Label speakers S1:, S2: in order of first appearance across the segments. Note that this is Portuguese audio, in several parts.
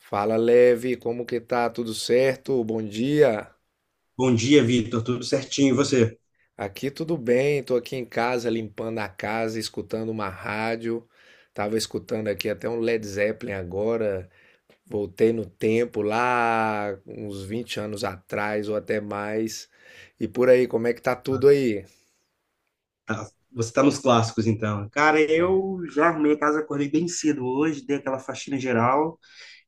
S1: Fala, Leve, como que tá? Tudo certo? Bom dia.
S2: Bom dia, Vitor. Tudo certinho, e você?
S1: Aqui tudo bem, tô aqui em casa limpando a casa, escutando uma rádio. Tava escutando aqui até um Led Zeppelin agora. Voltei no tempo lá, uns 20 anos atrás ou até mais. E por aí, como é que tá tudo aí?
S2: Tá- Você tá nos clássicos, então. Cara, eu já arrumei a casa, acordei bem cedo hoje, dei aquela faxina geral,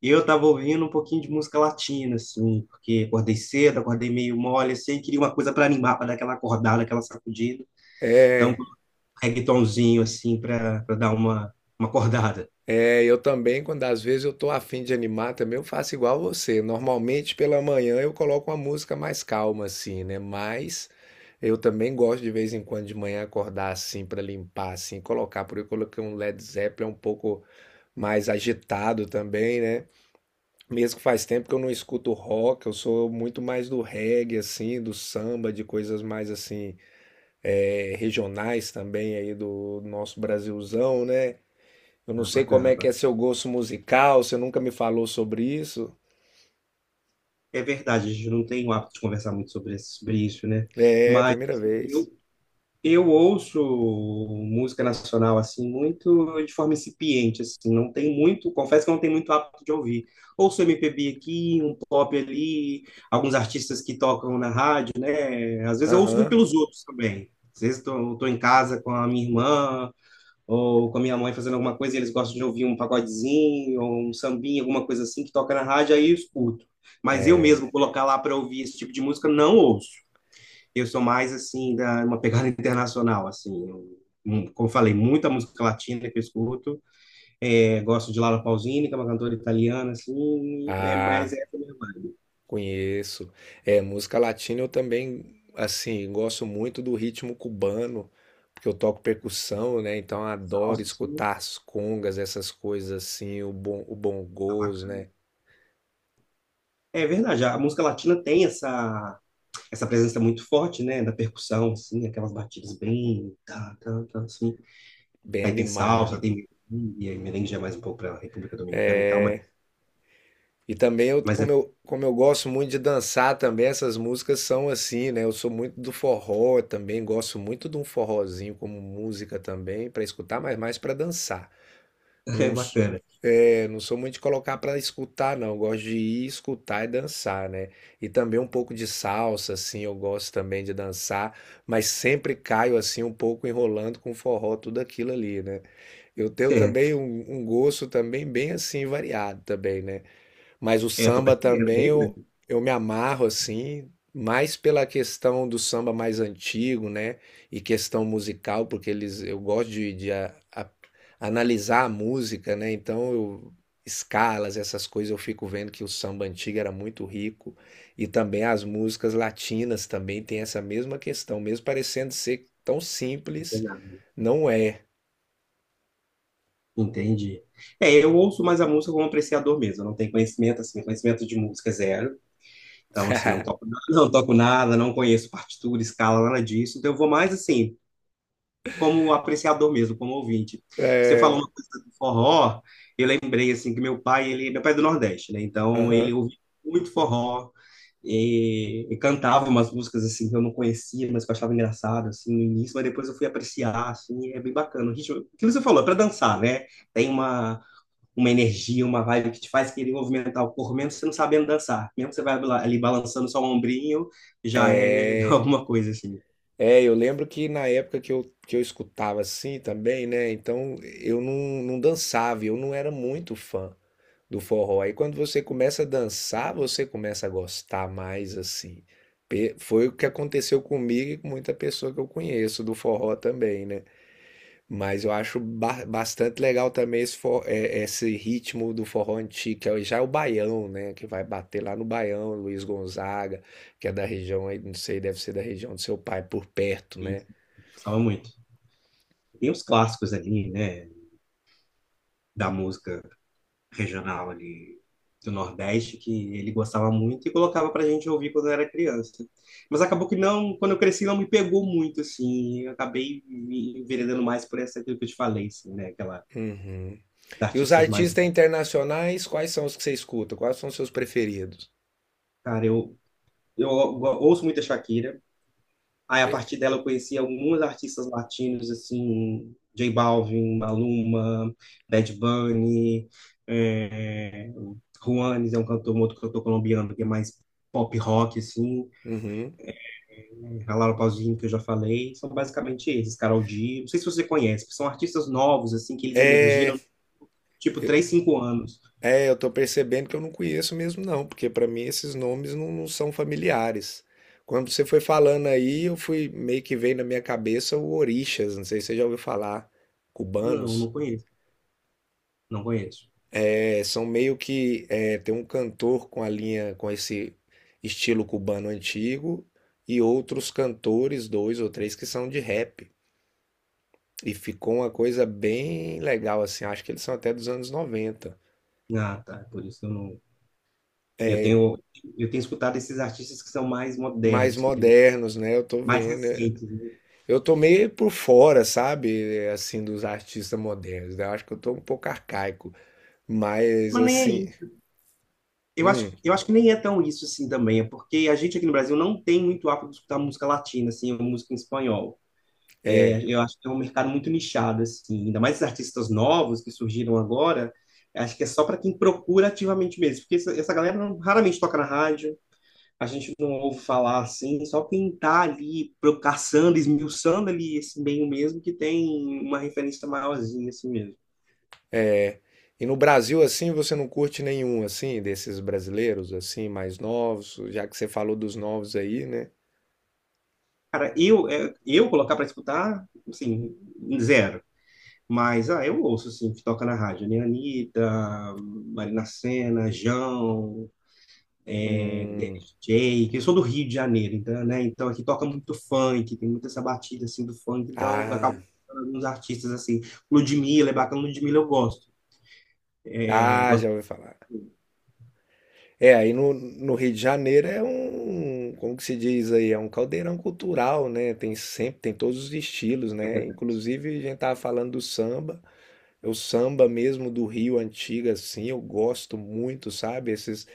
S2: e eu tava ouvindo um pouquinho de música latina, assim, porque acordei cedo, acordei meio mole, assim, queria uma coisa para animar, para dar aquela acordada, aquela sacudida. Então, um
S1: É.
S2: reggaetonzinho, assim, para dar uma acordada.
S1: É, eu também, quando às vezes eu tô afim de animar também, eu faço igual você. Normalmente pela manhã eu coloco uma música mais calma assim, né? Mas eu também gosto de vez em quando de manhã acordar assim para limpar assim, colocar, por eu coloquei um Led Zeppelin um pouco mais agitado também, né? Mesmo que faz tempo que eu não escuto rock, eu sou muito mais do reggae assim, do samba, de coisas mais assim, é, regionais também aí do nosso Brasilzão, né? Eu não
S2: Ah,
S1: sei como
S2: bacana,
S1: é que
S2: bacana.
S1: é seu gosto musical, você nunca me falou sobre isso.
S2: É verdade, a gente não tem o hábito de conversar muito sobre isso, né?
S1: É,
S2: Mas
S1: primeira vez.
S2: eu Eu ouço música nacional assim muito de forma incipiente, assim, não tem muito, confesso que não tem muito hábito de ouvir. Ouço MPB aqui, um pop ali, alguns artistas que tocam na rádio, né? Às vezes eu ouço muito
S1: Aham.
S2: pelos outros também. Às vezes estou em casa com a minha irmã ou com a minha mãe fazendo alguma coisa e eles gostam de ouvir um pagodezinho ou um sambinha, alguma coisa assim que toca na rádio, aí eu escuto. Mas eu
S1: É.
S2: mesmo colocar lá para ouvir esse tipo de música não ouço. Eu sou mais, assim, da, uma pegada internacional, assim. Eu, como falei, muita música latina que eu escuto. É, gosto de Laura Pausini, que é uma cantora italiana, assim. É
S1: Ah,
S2: mais essa minha vibe.
S1: conheço. É, música latina eu também, assim, gosto muito do ritmo cubano, porque eu toco percussão, né? Então eu adoro
S2: Salsa, assim,
S1: escutar as congas, essas coisas assim, o bom, o
S2: tá
S1: bongôs,
S2: bacana.
S1: né?
S2: É verdade, a música latina tem essa, essa presença muito forte, né? Da percussão, assim, aquelas batidas bem, tá, tá, tá, assim.
S1: Bem
S2: Aí tem salsa,
S1: animado.
S2: tem merengue, merengue já é mais um pouco para a República Dominicana e tal,
S1: E também eu,
S2: mas é,
S1: como eu gosto muito de dançar também, essas músicas são assim, né? Eu sou muito do forró também, gosto muito de um forrozinho como música também, para escutar, mas mais para dançar.
S2: é
S1: Não,
S2: bacana.
S1: é, não sou muito de colocar para escutar, não. Eu gosto de ir escutar e dançar, né? E também um pouco de salsa, assim, eu gosto também de dançar, mas sempre caio assim um pouco enrolando com forró, tudo aquilo ali, né? Eu tenho
S2: É,
S1: também um gosto também bem assim variado também, né? Mas o
S2: eu tô
S1: samba
S2: percebendo,
S1: também
S2: bem,
S1: eu me amarro assim, mais pela questão do samba mais antigo, né? E questão musical, porque eles eu gosto de analisar a música, né? Então eu, escalas, essas coisas, eu fico vendo que o samba antigo era muito rico. E também as músicas latinas também tem essa mesma questão, mesmo parecendo ser tão simples,
S2: né?
S1: não é.
S2: Entendi. É, eu ouço mais a música como apreciador mesmo, eu não tenho conhecimento, assim, conhecimento de música é zero. Então, assim, não toco nada, não toco nada, não conheço partitura, escala, nada disso. Então, eu vou mais, assim, como apreciador mesmo, como ouvinte. Você falou uma coisa do forró, eu lembrei, assim, que meu pai, meu pai é do Nordeste, né? Então, ele
S1: Aham.
S2: ouvia muito forró e cantava umas músicas, assim, que eu não conhecia, mas que eu achava engraçado, assim, no início, mas depois eu fui apreciar, assim, e é bem bacana. O ritmo, aquilo que você falou, é pra dançar, né? Tem uma energia, uma vibe que te faz querer movimentar o corpo, mesmo você não sabendo dançar. Mesmo você ali balançando só o ombrinho, já é
S1: É.
S2: alguma coisa assim.
S1: É, eu lembro que na época que eu escutava assim também, né? Então eu não dançava, eu não era muito fã do forró. Aí quando você começa a dançar, você começa a gostar mais assim. Foi o que aconteceu comigo e com muita pessoa que eu conheço do forró também, né? Mas eu acho bastante legal também esse, esse ritmo do forró antigo, que é já é o baião, né? Que vai bater lá no baião, Luiz Gonzaga, que é da região aí, não sei, deve ser da região do seu pai, por perto,
S2: E
S1: né?
S2: gostava muito. Tem os clássicos ali, né, da música regional ali do Nordeste que ele gostava muito e colocava pra gente ouvir quando eu era criança. Mas acabou que não, quando eu cresci não me pegou muito assim, eu acabei me enveredando mais por essa aquilo que eu te falei, assim, né, aquela
S1: Uhum. E os
S2: artistas mais,
S1: artistas internacionais, quais são os que você escuta? Quais são os seus preferidos?
S2: cara, eu ouço muita Shakira. Aí, a partir
S1: É.
S2: dela, eu conheci alguns artistas latinos, assim, J Balvin, Maluma, Bad Bunny, é, Juanes é um cantor, um outro cantor colombiano que é mais pop rock, assim,
S1: Uhum.
S2: a Laura Pausini, que eu já falei, são basicamente esses, Karol G, não sei se você conhece, são artistas novos, assim, que eles emergiram, tipo, 3 5 anos.
S1: É, eu tô percebendo que eu não conheço mesmo, não, porque pra mim esses nomes não são familiares. Quando você foi falando aí, eu fui meio que veio na minha cabeça o Orixás, não sei se você já ouviu falar,
S2: Não,
S1: cubanos.
S2: não conheço, não conheço.
S1: É, são meio que é, tem um cantor com a linha, com esse estilo cubano antigo e outros cantores, dois ou três, que são de rap. E ficou uma coisa bem legal, assim. Acho que eles são até dos anos 90.
S2: Ah, tá, por isso que eu não. E eu tenho escutado esses artistas que são mais
S1: Mais
S2: modernos,
S1: modernos, né? Eu tô
S2: mais
S1: vendo. É.
S2: recentes, né?
S1: Eu tô meio por fora, sabe? É, assim, dos artistas modernos, né? Eu acho que eu tô um pouco arcaico. Mas,
S2: Mas nem é
S1: assim.
S2: isso.
S1: Hum,
S2: Eu acho que nem é tão isso assim também, é porque a gente aqui no Brasil não tem muito hábito de escutar música latina, assim, ou música em espanhol. É, eu acho que é um mercado muito nichado, assim, ainda mais os artistas novos que surgiram agora, acho que é só para quem procura ativamente mesmo, porque essa galera raramente toca na rádio, a gente não ouve falar assim, só quem tá ali caçando, esmiuçando ali esse meio mesmo, que tem uma referência maiorzinha assim mesmo.
S1: é. E no Brasil, assim, você não curte nenhum, assim, desses brasileiros, assim, mais novos? Já que você falou dos novos aí, né?
S2: Cara, eu colocar para escutar, assim, zero. Mas, ah, eu ouço, assim, o que toca na rádio, né? Anitta, Marina Sena, Jão, é,
S1: Hum.
S2: DJ, que eu sou do Rio de Janeiro, então, né? Então, aqui toca muito funk, tem muita essa batida, assim, do funk, então, eu acabo
S1: Ah.
S2: escutando alguns artistas, assim, Ludmilla, é bacana, Ludmilla eu gosto, é,
S1: Ah,
S2: gosto
S1: já ouvi falar. É, aí no, Rio de Janeiro é um, como que se diz aí, é um caldeirão cultural, né? Tem sempre, tem todos os estilos,
S2: de
S1: né?
S2: verdade.
S1: Inclusive a gente tava falando do samba, é o samba mesmo do Rio antigo assim, eu gosto muito, sabe? Esses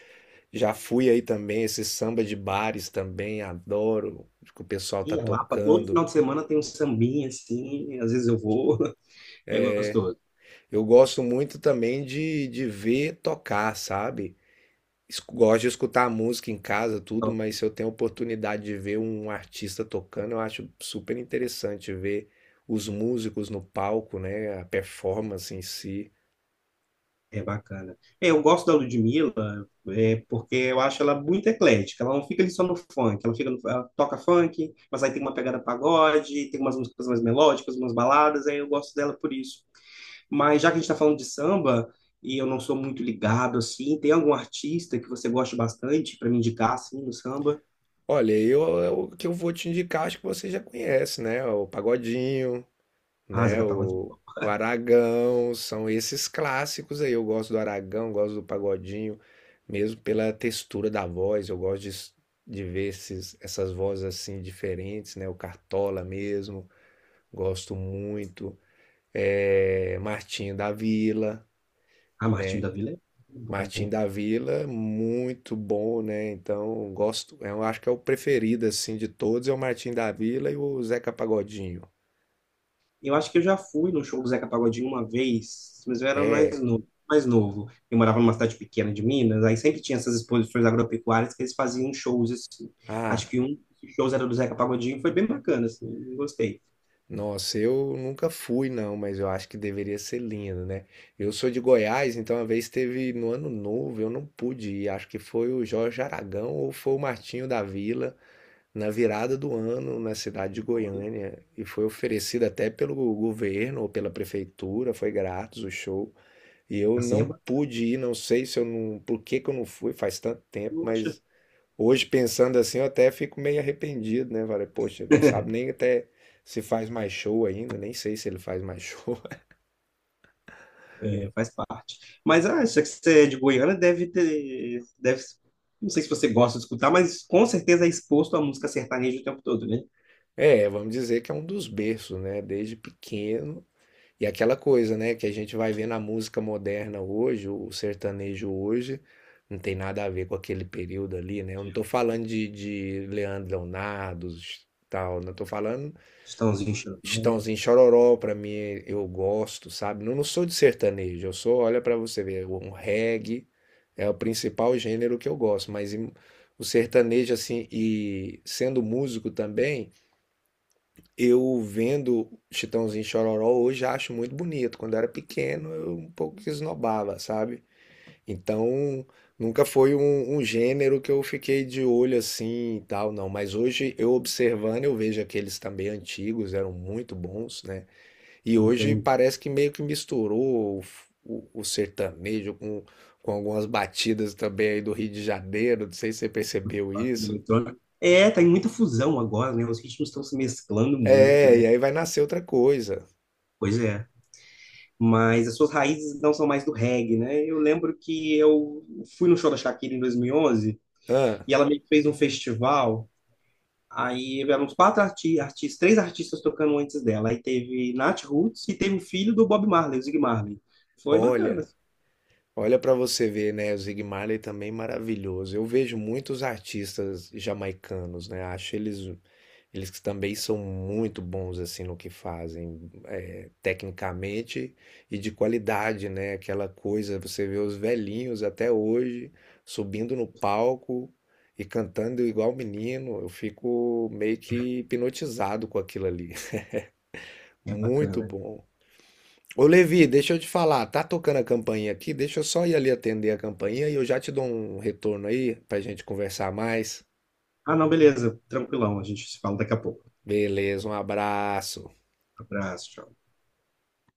S1: já fui aí também, esses samba de bares também, adoro que o pessoal tá
S2: E a Lapa, todo
S1: tocando.
S2: final de semana tem um sambinha, assim, às vezes eu vou, é gostoso.
S1: Eu gosto muito também de ver tocar, sabe? Gosto de escutar música em casa, tudo, mas se eu tenho a oportunidade de ver um artista tocando, eu acho super interessante ver os músicos no palco, né? A performance em si.
S2: É bacana. É, eu gosto da Ludmilla, é, porque eu acho ela muito eclética. Ela não fica ali só no funk, ela fica no- ela toca funk, mas aí tem uma pegada pagode, tem umas músicas mais melódicas, umas baladas, aí eu gosto dela por isso. Mas já que a gente está falando de samba, e eu não sou muito ligado assim, tem algum artista que você gosta bastante para me indicar assim no samba?
S1: Olha, o que eu vou te indicar, acho que você já conhece, né? O Pagodinho,
S2: Ah,
S1: né?
S2: Zeca
S1: O,
S2: Pagodinho.
S1: o Aragão, são esses clássicos aí. Eu gosto do Aragão, gosto do Pagodinho, mesmo pela textura da voz, eu gosto de ver esses, essas vozes assim diferentes, né? O Cartola mesmo. Gosto muito. É, Martinho da Vila,
S2: Ah, Martinho
S1: né?
S2: da Vila é
S1: Martinho
S2: bom.
S1: da Vila, muito bom, né? Então, gosto, eu acho que é o preferido assim de todos, é o Martinho da Vila e o Zeca Pagodinho.
S2: Eu acho que eu já fui no show do Zeca Pagodinho uma vez, mas eu era
S1: É.
S2: mais novo. Eu morava numa cidade pequena de Minas, aí sempre tinha essas exposições agropecuárias que eles faziam shows assim. Acho
S1: Ah,
S2: que um dos shows era do Zeca Pagodinho, foi bem bacana, assim, eu gostei.
S1: nossa, eu nunca fui não, mas eu acho que deveria ser lindo, né? Eu sou de Goiás, então uma vez teve no Ano Novo, eu não pude ir, acho que foi o Jorge Aragão ou foi o Martinho da Vila na virada do ano na cidade de
S2: Olha,
S1: Goiânia e foi oferecido até pelo governo ou pela prefeitura, foi grátis o show. E eu
S2: assim é
S1: não
S2: bacana,
S1: pude ir, não sei se eu não, por que que eu não fui, faz tanto tempo,
S2: poxa.
S1: mas hoje pensando assim, eu até fico meio arrependido, né? Falei, poxa, não sabe nem até se faz mais show ainda, nem sei se ele faz mais show.
S2: É, faz parte. Mas ah, acho que você é de Goiânia, deve ter, deve, não sei se você gosta de escutar, mas com certeza é exposto à música sertaneja o tempo todo, né?
S1: É, vamos dizer que é um dos berços, né? Desde pequeno. E aquela coisa, né, que a gente vai ver na música moderna hoje, o sertanejo hoje, não tem nada a ver com aquele período ali, né? Eu não tô falando de Leandro Leonardo, tal, não tô falando
S2: Estãozinho Chorão,
S1: Chitãozinho Chororó, pra mim eu gosto, sabe? Não, não sou de sertanejo, eu sou, olha pra você ver, um reggae é o principal gênero que eu gosto, mas o sertanejo assim, e sendo músico também, eu vendo Chitãozinho e Chororó hoje acho muito bonito. Quando eu era pequeno, eu um pouco que esnobava, sabe? Então, nunca foi um gênero que eu fiquei de olho assim e tal, não. Mas hoje, eu observando, eu vejo aqueles também antigos, eram muito bons, né? E hoje
S2: não
S1: parece que meio que misturou o sertanejo com algumas batidas também aí do Rio de Janeiro. Não sei se você percebeu
S2: do
S1: isso.
S2: eletrônico. É, tá em muita fusão agora, né? Os ritmos estão se mesclando muito,
S1: É,
S2: né?
S1: e aí vai nascer outra coisa.
S2: Pois é. Mas as suas raízes não são mais do reggae, né? Eu lembro que eu fui no show da Shakira em 2011
S1: Ah,
S2: e ela meio que fez um festival. Aí eram uns quatro arti artistas, três artistas tocando antes dela. Aí teve Nat Roots e teve o filho do Bob Marley, o Zig Marley. Foi bacana,
S1: olha.
S2: assim.
S1: Olha para você ver, né? O Zig Marley também maravilhoso. Eu vejo muitos artistas jamaicanos, né? Acho eles que também são muito bons assim no que fazem, é, tecnicamente e de qualidade, né? Aquela coisa, você vê os velhinhos até hoje subindo no palco e cantando igual menino. Eu fico meio que hipnotizado com aquilo ali.
S2: É
S1: Muito
S2: bacana.
S1: bom. Ô Levi, deixa eu te falar, tá tocando a campainha aqui? Deixa eu só ir ali atender a campainha e eu já te dou um retorno aí pra gente conversar mais.
S2: Ah, não, beleza. Tranquilão. A gente se fala daqui a pouco.
S1: Beleza, um abraço.
S2: Abraço, tchau.